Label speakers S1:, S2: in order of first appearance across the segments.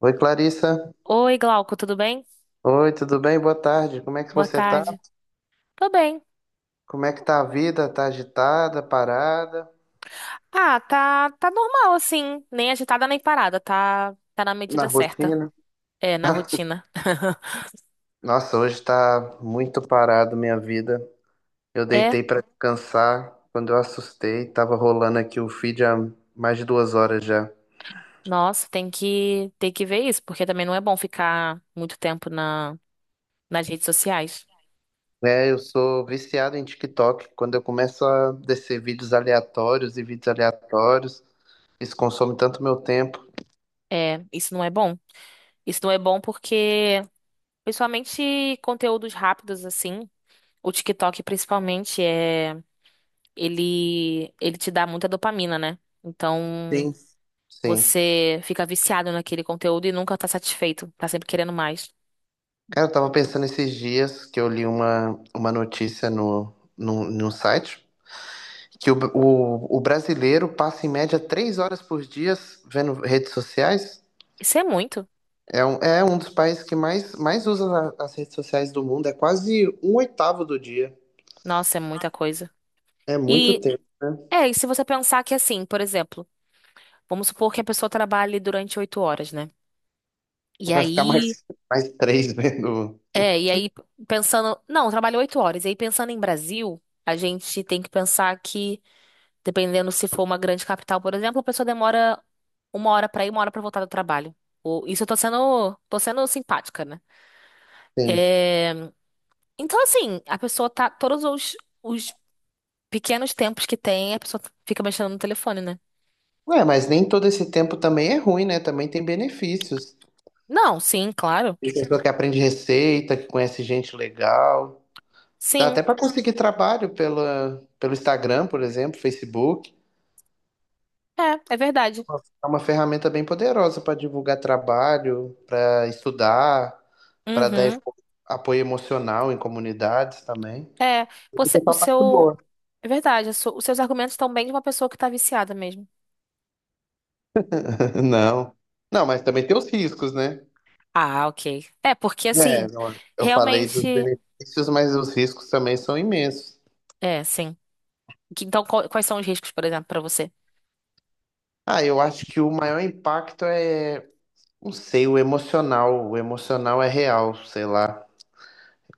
S1: Oi, Clarissa.
S2: Oi, Glauco, tudo bem?
S1: Oi, tudo bem? Boa tarde. Como é que
S2: Boa
S1: você tá?
S2: tarde. Tô bem.
S1: Como é que tá a vida? Tá agitada, parada,
S2: Ah, tá, tá normal assim, nem agitada nem parada, tá, tá na
S1: na
S2: medida certa.
S1: rotina?
S2: É, na rotina.
S1: Nossa, hoje tá muito parado minha vida. Eu
S2: É,
S1: deitei pra descansar. Quando eu assustei, tava rolando aqui o feed há mais de 2 horas já.
S2: nossa, tem que ver isso, porque também não é bom ficar muito tempo na nas redes sociais.
S1: É, eu sou viciado em TikTok. Quando eu começo a descer vídeos aleatórios e vídeos aleatórios, isso consome tanto meu tempo.
S2: É, isso não é bom. Isso não é bom porque principalmente conteúdos rápidos assim, o TikTok principalmente é ele te dá muita dopamina, né? Então
S1: Sim. Sim.
S2: você fica viciado naquele conteúdo e nunca tá satisfeito, tá sempre querendo mais.
S1: Cara, eu tava pensando esses dias que eu li uma notícia no site que o brasileiro passa em média 3 horas por dia vendo redes sociais.
S2: Isso é muito.
S1: É um dos países que mais usa as redes sociais do mundo. É quase um oitavo do dia.
S2: Nossa, é muita coisa.
S1: É muito
S2: E
S1: tempo, né?
S2: e se você pensar que assim, por exemplo, vamos supor que a pessoa trabalhe durante 8 horas, né? E
S1: Vai ficar
S2: aí,
S1: mais, mais três vendo.
S2: e aí, pensando, não, eu trabalho 8 horas. E aí pensando em Brasil, a gente tem que pensar que, dependendo se for uma grande capital, por exemplo, a pessoa demora 1 hora pra ir, 1 hora pra voltar do trabalho. Isso eu tô sendo simpática, né?
S1: Sim.
S2: É, então, assim, a pessoa tá. Todos os, os pequenos tempos que tem, a pessoa fica mexendo no telefone, né?
S1: Ué, mas nem todo esse tempo também é ruim, né? Também tem benefícios.
S2: Não, sim, claro.
S1: Tem pessoa que aprende receita, que conhece gente legal. Dá
S2: Sim,
S1: até para conseguir trabalho pela, pelo Instagram, por exemplo, Facebook.
S2: é, é verdade.
S1: É uma ferramenta bem poderosa para divulgar trabalho, para estudar, para dar
S2: Uhum.
S1: apoio emocional em comunidades também.
S2: É,
S1: Isso é
S2: você, o
S1: só parte
S2: seu.
S1: boa.
S2: É verdade, os seus argumentos estão bem de uma pessoa que tá viciada mesmo.
S1: Não. Não, mas também tem os riscos, né?
S2: Ah, ok. É, porque
S1: É,
S2: assim,
S1: não, eu falei
S2: realmente.
S1: dos benefícios, mas os riscos também são imensos.
S2: É, sim. Então, quais são os riscos, por exemplo, pra você?
S1: Ah, eu acho que o maior impacto é, não sei, o emocional. O emocional é real, sei lá.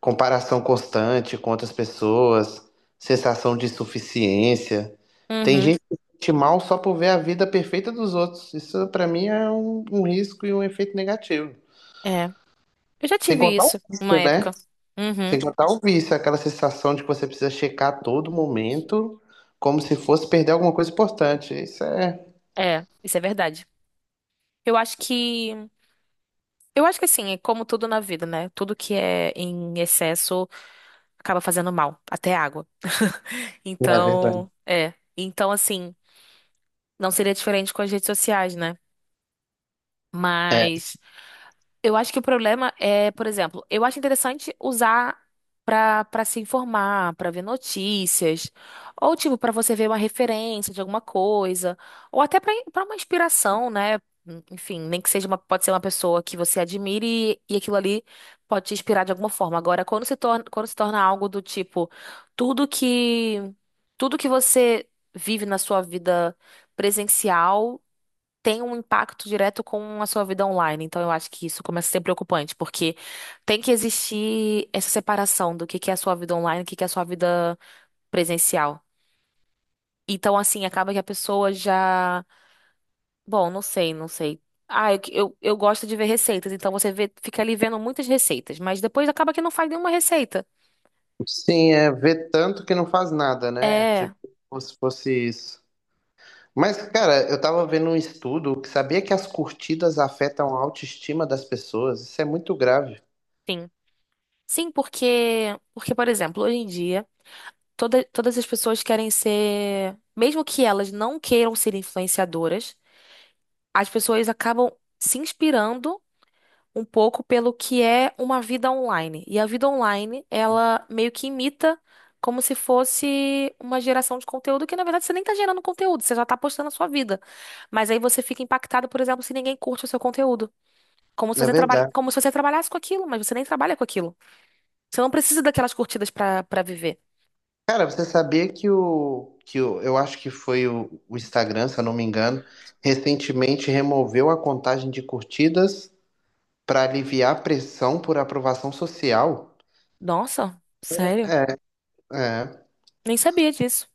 S1: Comparação constante com outras pessoas, sensação de insuficiência. Tem
S2: Uhum.
S1: gente que se sente mal só por ver a vida perfeita dos outros. Isso, pra mim, é um risco e um efeito negativo.
S2: É. Eu já
S1: Sem
S2: tive
S1: contar o
S2: isso uma
S1: vício,
S2: época.
S1: né? Sem
S2: Uhum.
S1: contar o vício, aquela sensação de que você precisa checar a todo momento, como se fosse perder alguma coisa importante. Isso é.
S2: É, isso é verdade. Eu acho que. Eu acho que assim, é como tudo na vida, né? Tudo que é em excesso acaba fazendo mal, até água.
S1: É verdade.
S2: Então, é. Então, assim, não seria diferente com as redes sociais, né?
S1: É.
S2: Mas eu acho que o problema é, por exemplo, eu acho interessante usar para se informar, para ver notícias, ou tipo para você ver uma referência de alguma coisa, ou até para uma inspiração, né? Enfim, nem que seja uma, pode ser uma pessoa que você admire e aquilo ali pode te inspirar de alguma forma. Agora, quando se torna algo do tipo, tudo que tudo que você vive na sua vida presencial tem um impacto direto com a sua vida online. Então, eu acho que isso começa a ser preocupante, porque tem que existir essa separação do que é a sua vida online e o que que é a sua vida presencial. Então, assim, acaba que a pessoa já. Bom, não sei, não sei. Ah, eu gosto de ver receitas, então você vê, fica ali vendo muitas receitas, mas depois acaba que não faz nenhuma receita.
S1: Sim, é ver tanto que não faz nada, né? Tipo,
S2: É,
S1: como se fosse isso. Mas, cara, eu tava vendo um estudo que sabia que as curtidas afetam a autoestima das pessoas. Isso é muito grave.
S2: sim. Sim, por exemplo, hoje em dia, todas as pessoas querem ser, mesmo que elas não queiram ser influenciadoras, as pessoas acabam se inspirando um pouco pelo que é uma vida online. E a vida online, ela meio que imita como se fosse uma geração de conteúdo que, na verdade, você nem tá gerando conteúdo, você já tá postando a sua vida. Mas aí você fica impactado, por exemplo, se ninguém curte o seu conteúdo.
S1: É verdade.
S2: Como se você trabalhasse com aquilo, mas você nem trabalha com aquilo. Você não precisa daquelas curtidas pra viver.
S1: Cara, você sabia que eu acho que foi o Instagram, se eu não me engano, recentemente removeu a contagem de curtidas para aliviar a pressão por aprovação social?
S2: Nossa, sério?
S1: É, é,
S2: Nem sabia disso.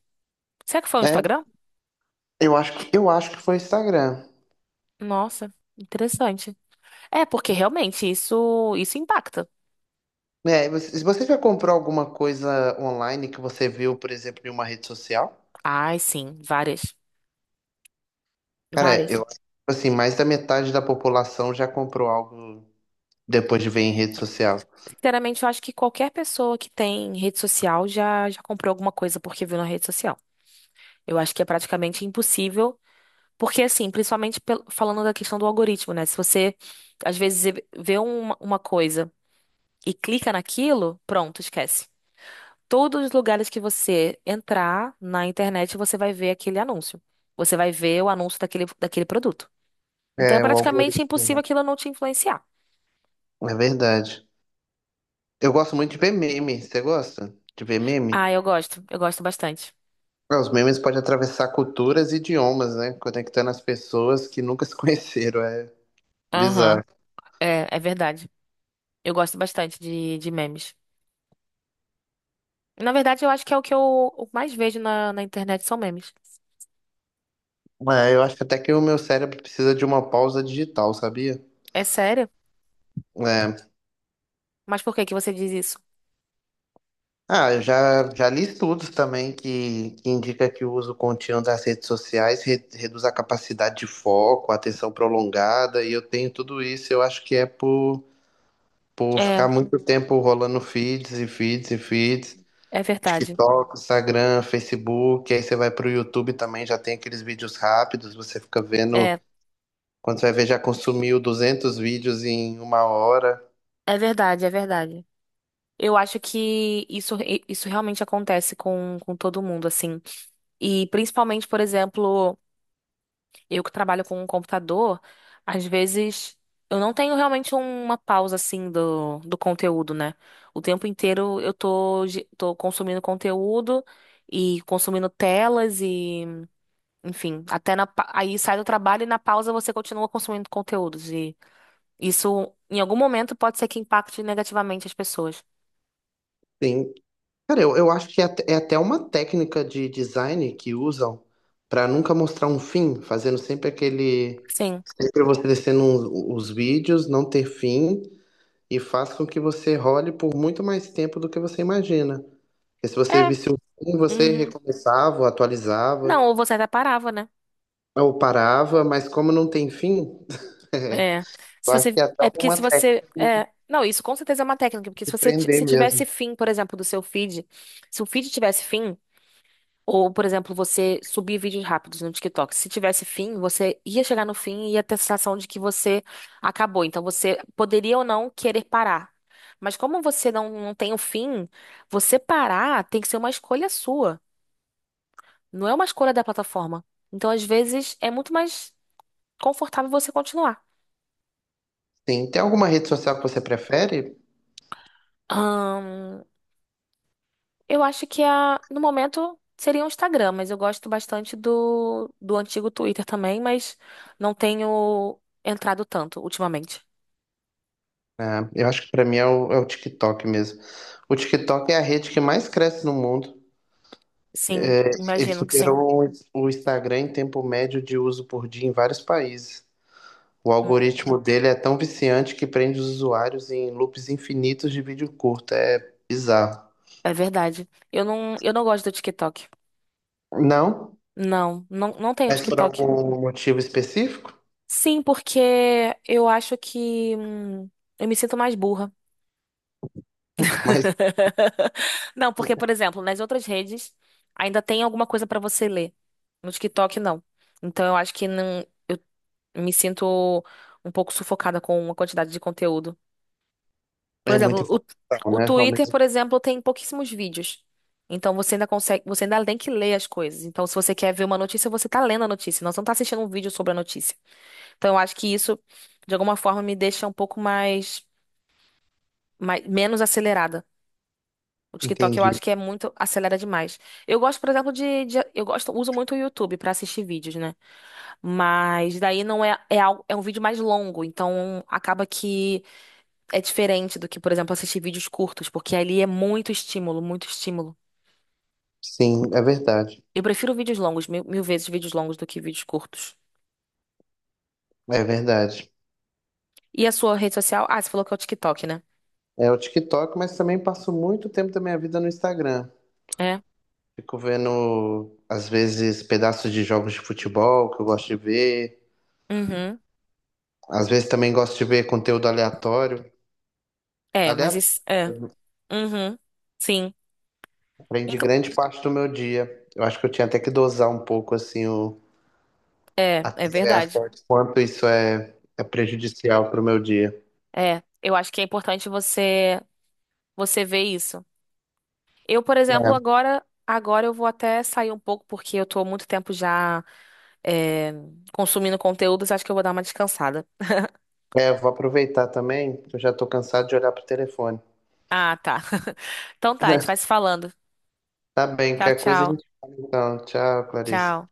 S2: Será que foi o
S1: é.
S2: Instagram?
S1: Eu acho que foi o Instagram.
S2: Nossa, interessante. É, porque realmente isso impacta.
S1: É, se você já comprou alguma coisa online que você viu, por exemplo, em uma rede social?
S2: Ai, sim,
S1: Cara,
S2: várias.
S1: eu acho que assim, mais da metade da população já comprou algo depois de ver em rede social.
S2: Sinceramente, eu acho que qualquer pessoa que tem rede social já comprou alguma coisa porque viu na rede social. Eu acho que é praticamente impossível, porque assim, principalmente falando da questão do algoritmo, né? Se você às vezes vê uma coisa e clica naquilo, pronto, esquece. Todos os lugares que você entrar na internet, você vai ver aquele anúncio. Você vai ver o anúncio daquele produto. Então é
S1: É, o
S2: praticamente
S1: algoritmo, né?
S2: impossível aquilo não te influenciar.
S1: É verdade. Eu gosto muito de ver meme. Você gosta de ver meme?
S2: Ah, eu gosto. Eu gosto bastante.
S1: Ah, os memes podem atravessar culturas e idiomas, né? Conectando as pessoas que nunca se conheceram. É
S2: Aham.
S1: bizarro.
S2: É, é verdade. Eu gosto bastante de memes. Na verdade, eu acho que é o que eu o mais vejo na internet são memes.
S1: É, eu acho que até que o meu cérebro precisa de uma pausa digital, sabia?
S2: É sério?
S1: É.
S2: Mas por que que você diz isso?
S1: Ah, eu já li estudos também que indica que o uso contínuo das redes sociais reduz a capacidade de foco, a atenção prolongada, e eu tenho tudo isso, eu acho que é por ficar
S2: É,
S1: muito tempo rolando feeds e feeds e feeds,
S2: é verdade.
S1: TikTok, Instagram, Facebook, aí você vai pro YouTube também, já tem aqueles vídeos rápidos, você fica vendo,
S2: É,
S1: quando você vai ver já consumiu 200 vídeos em 1 hora.
S2: é verdade. Eu acho que isso realmente acontece com todo mundo, assim. E principalmente, por exemplo. Eu que trabalho com um computador, às vezes eu não tenho realmente uma pausa assim do conteúdo, né? O tempo inteiro eu tô consumindo conteúdo e consumindo telas e, enfim, aí sai do trabalho e na pausa você continua consumindo conteúdos. E isso, em algum momento, pode ser que impacte negativamente as pessoas.
S1: Sim, cara, eu acho que é até uma técnica de design que usam pra nunca mostrar um fim, fazendo sempre aquele.
S2: Sim.
S1: Sempre você descendo os vídeos, não ter fim, e faz com que você role por muito mais tempo do que você imagina. Porque se você
S2: É.
S1: visse o fim, você
S2: Uhum.
S1: recomeçava, atualizava,
S2: Não, ou você até parava, né?
S1: ou parava, mas como não tem fim,
S2: É. Se
S1: eu acho que
S2: você,
S1: é até
S2: é porque
S1: uma
S2: se você,
S1: técnica de
S2: é, não, isso com certeza é uma técnica, porque se
S1: de
S2: você, ti-
S1: prender
S2: se tivesse
S1: mesmo.
S2: fim, por exemplo, do seu feed, se o feed tivesse fim, ou, por exemplo, você subir vídeos rápidos no TikTok, se tivesse fim, você ia chegar no fim e ia ter a sensação de que você acabou. Então, você poderia ou não querer parar. Mas como você não, não tem o fim, você parar tem que ser uma escolha sua, não é uma escolha da plataforma. Então, às vezes, é muito mais confortável você continuar.
S1: Sim, tem alguma rede social que você prefere?
S2: Eu acho que a, no momento seria o Instagram, mas eu gosto bastante do antigo Twitter também, mas não tenho entrado tanto ultimamente.
S1: Ah, eu acho que pra mim é o TikTok mesmo. O TikTok é a rede que mais cresce no mundo.
S2: Sim,
S1: Ele
S2: imagino que sim.
S1: superou o Instagram em tempo médio de uso por dia em vários países. O
S2: Hum.
S1: algoritmo dele é tão viciante que prende os usuários em loops infinitos de vídeo curto. É bizarro.
S2: É verdade. Eu não gosto do TikTok.
S1: Não,
S2: Não, não tenho
S1: mas por
S2: TikTok.
S1: algum motivo específico?
S2: Sim, porque eu acho que eu me sinto mais burra.
S1: Mas
S2: Não, porque, por exemplo, nas outras redes ainda tem alguma coisa pra você ler. No TikTok, não. Então eu acho que não me sinto um pouco sufocada com uma quantidade de conteúdo. Por
S1: é muita
S2: exemplo,
S1: informação,
S2: o
S1: né?
S2: Twitter, por exemplo, tem pouquíssimos vídeos. Então você ainda consegue, você ainda tem que ler as coisas. Então, se você quer ver uma notícia, você tá lendo a notícia, não, você não tá assistindo um vídeo sobre a notícia. Então, eu acho que isso, de alguma forma, me deixa um pouco mais, mais menos acelerada. O TikTok eu
S1: Entendi.
S2: acho que é muito acelera demais. Eu gosto, por exemplo, eu gosto, uso muito o YouTube pra assistir vídeos, né? Mas daí não é é, algo, é um vídeo mais longo, então acaba que é diferente do que, por exemplo, assistir vídeos curtos, porque ali é muito estímulo, muito estímulo.
S1: Sim, é verdade.
S2: Eu prefiro vídeos longos, mil vezes vídeos longos do que vídeos curtos.
S1: É verdade.
S2: E a sua rede social? Ah, você falou que é o TikTok, né?
S1: É o TikTok, mas também passo muito tempo da minha vida no Instagram.
S2: É.
S1: Fico vendo, às vezes, pedaços de jogos de futebol que eu gosto de ver.
S2: Uhum.
S1: Às vezes também gosto de ver conteúdo aleatório.
S2: É, mas
S1: Aleatório
S2: isso. É. Uhum. Sim.
S1: prende
S2: Inclu-
S1: grande parte do meu dia. Eu acho que eu tinha até que dosar um pouco, assim, o,
S2: É, é
S1: até,
S2: verdade.
S1: até quanto isso é prejudicial para o meu dia.
S2: É. Eu acho que é importante você ver isso. Eu, por exemplo,
S1: É,
S2: agora. Agora eu vou até sair um pouco, porque eu tô há muito tempo já é, consumindo conteúdos, acho que eu vou dar uma descansada.
S1: é, vou aproveitar também, que eu já estou cansado de olhar pro telefone.
S2: Ah, tá. Então tá, a gente vai se falando.
S1: Tá bem,
S2: Tchau,
S1: qualquer coisa a
S2: tchau.
S1: gente fala então. Tchau, Clarissa.
S2: Tchau.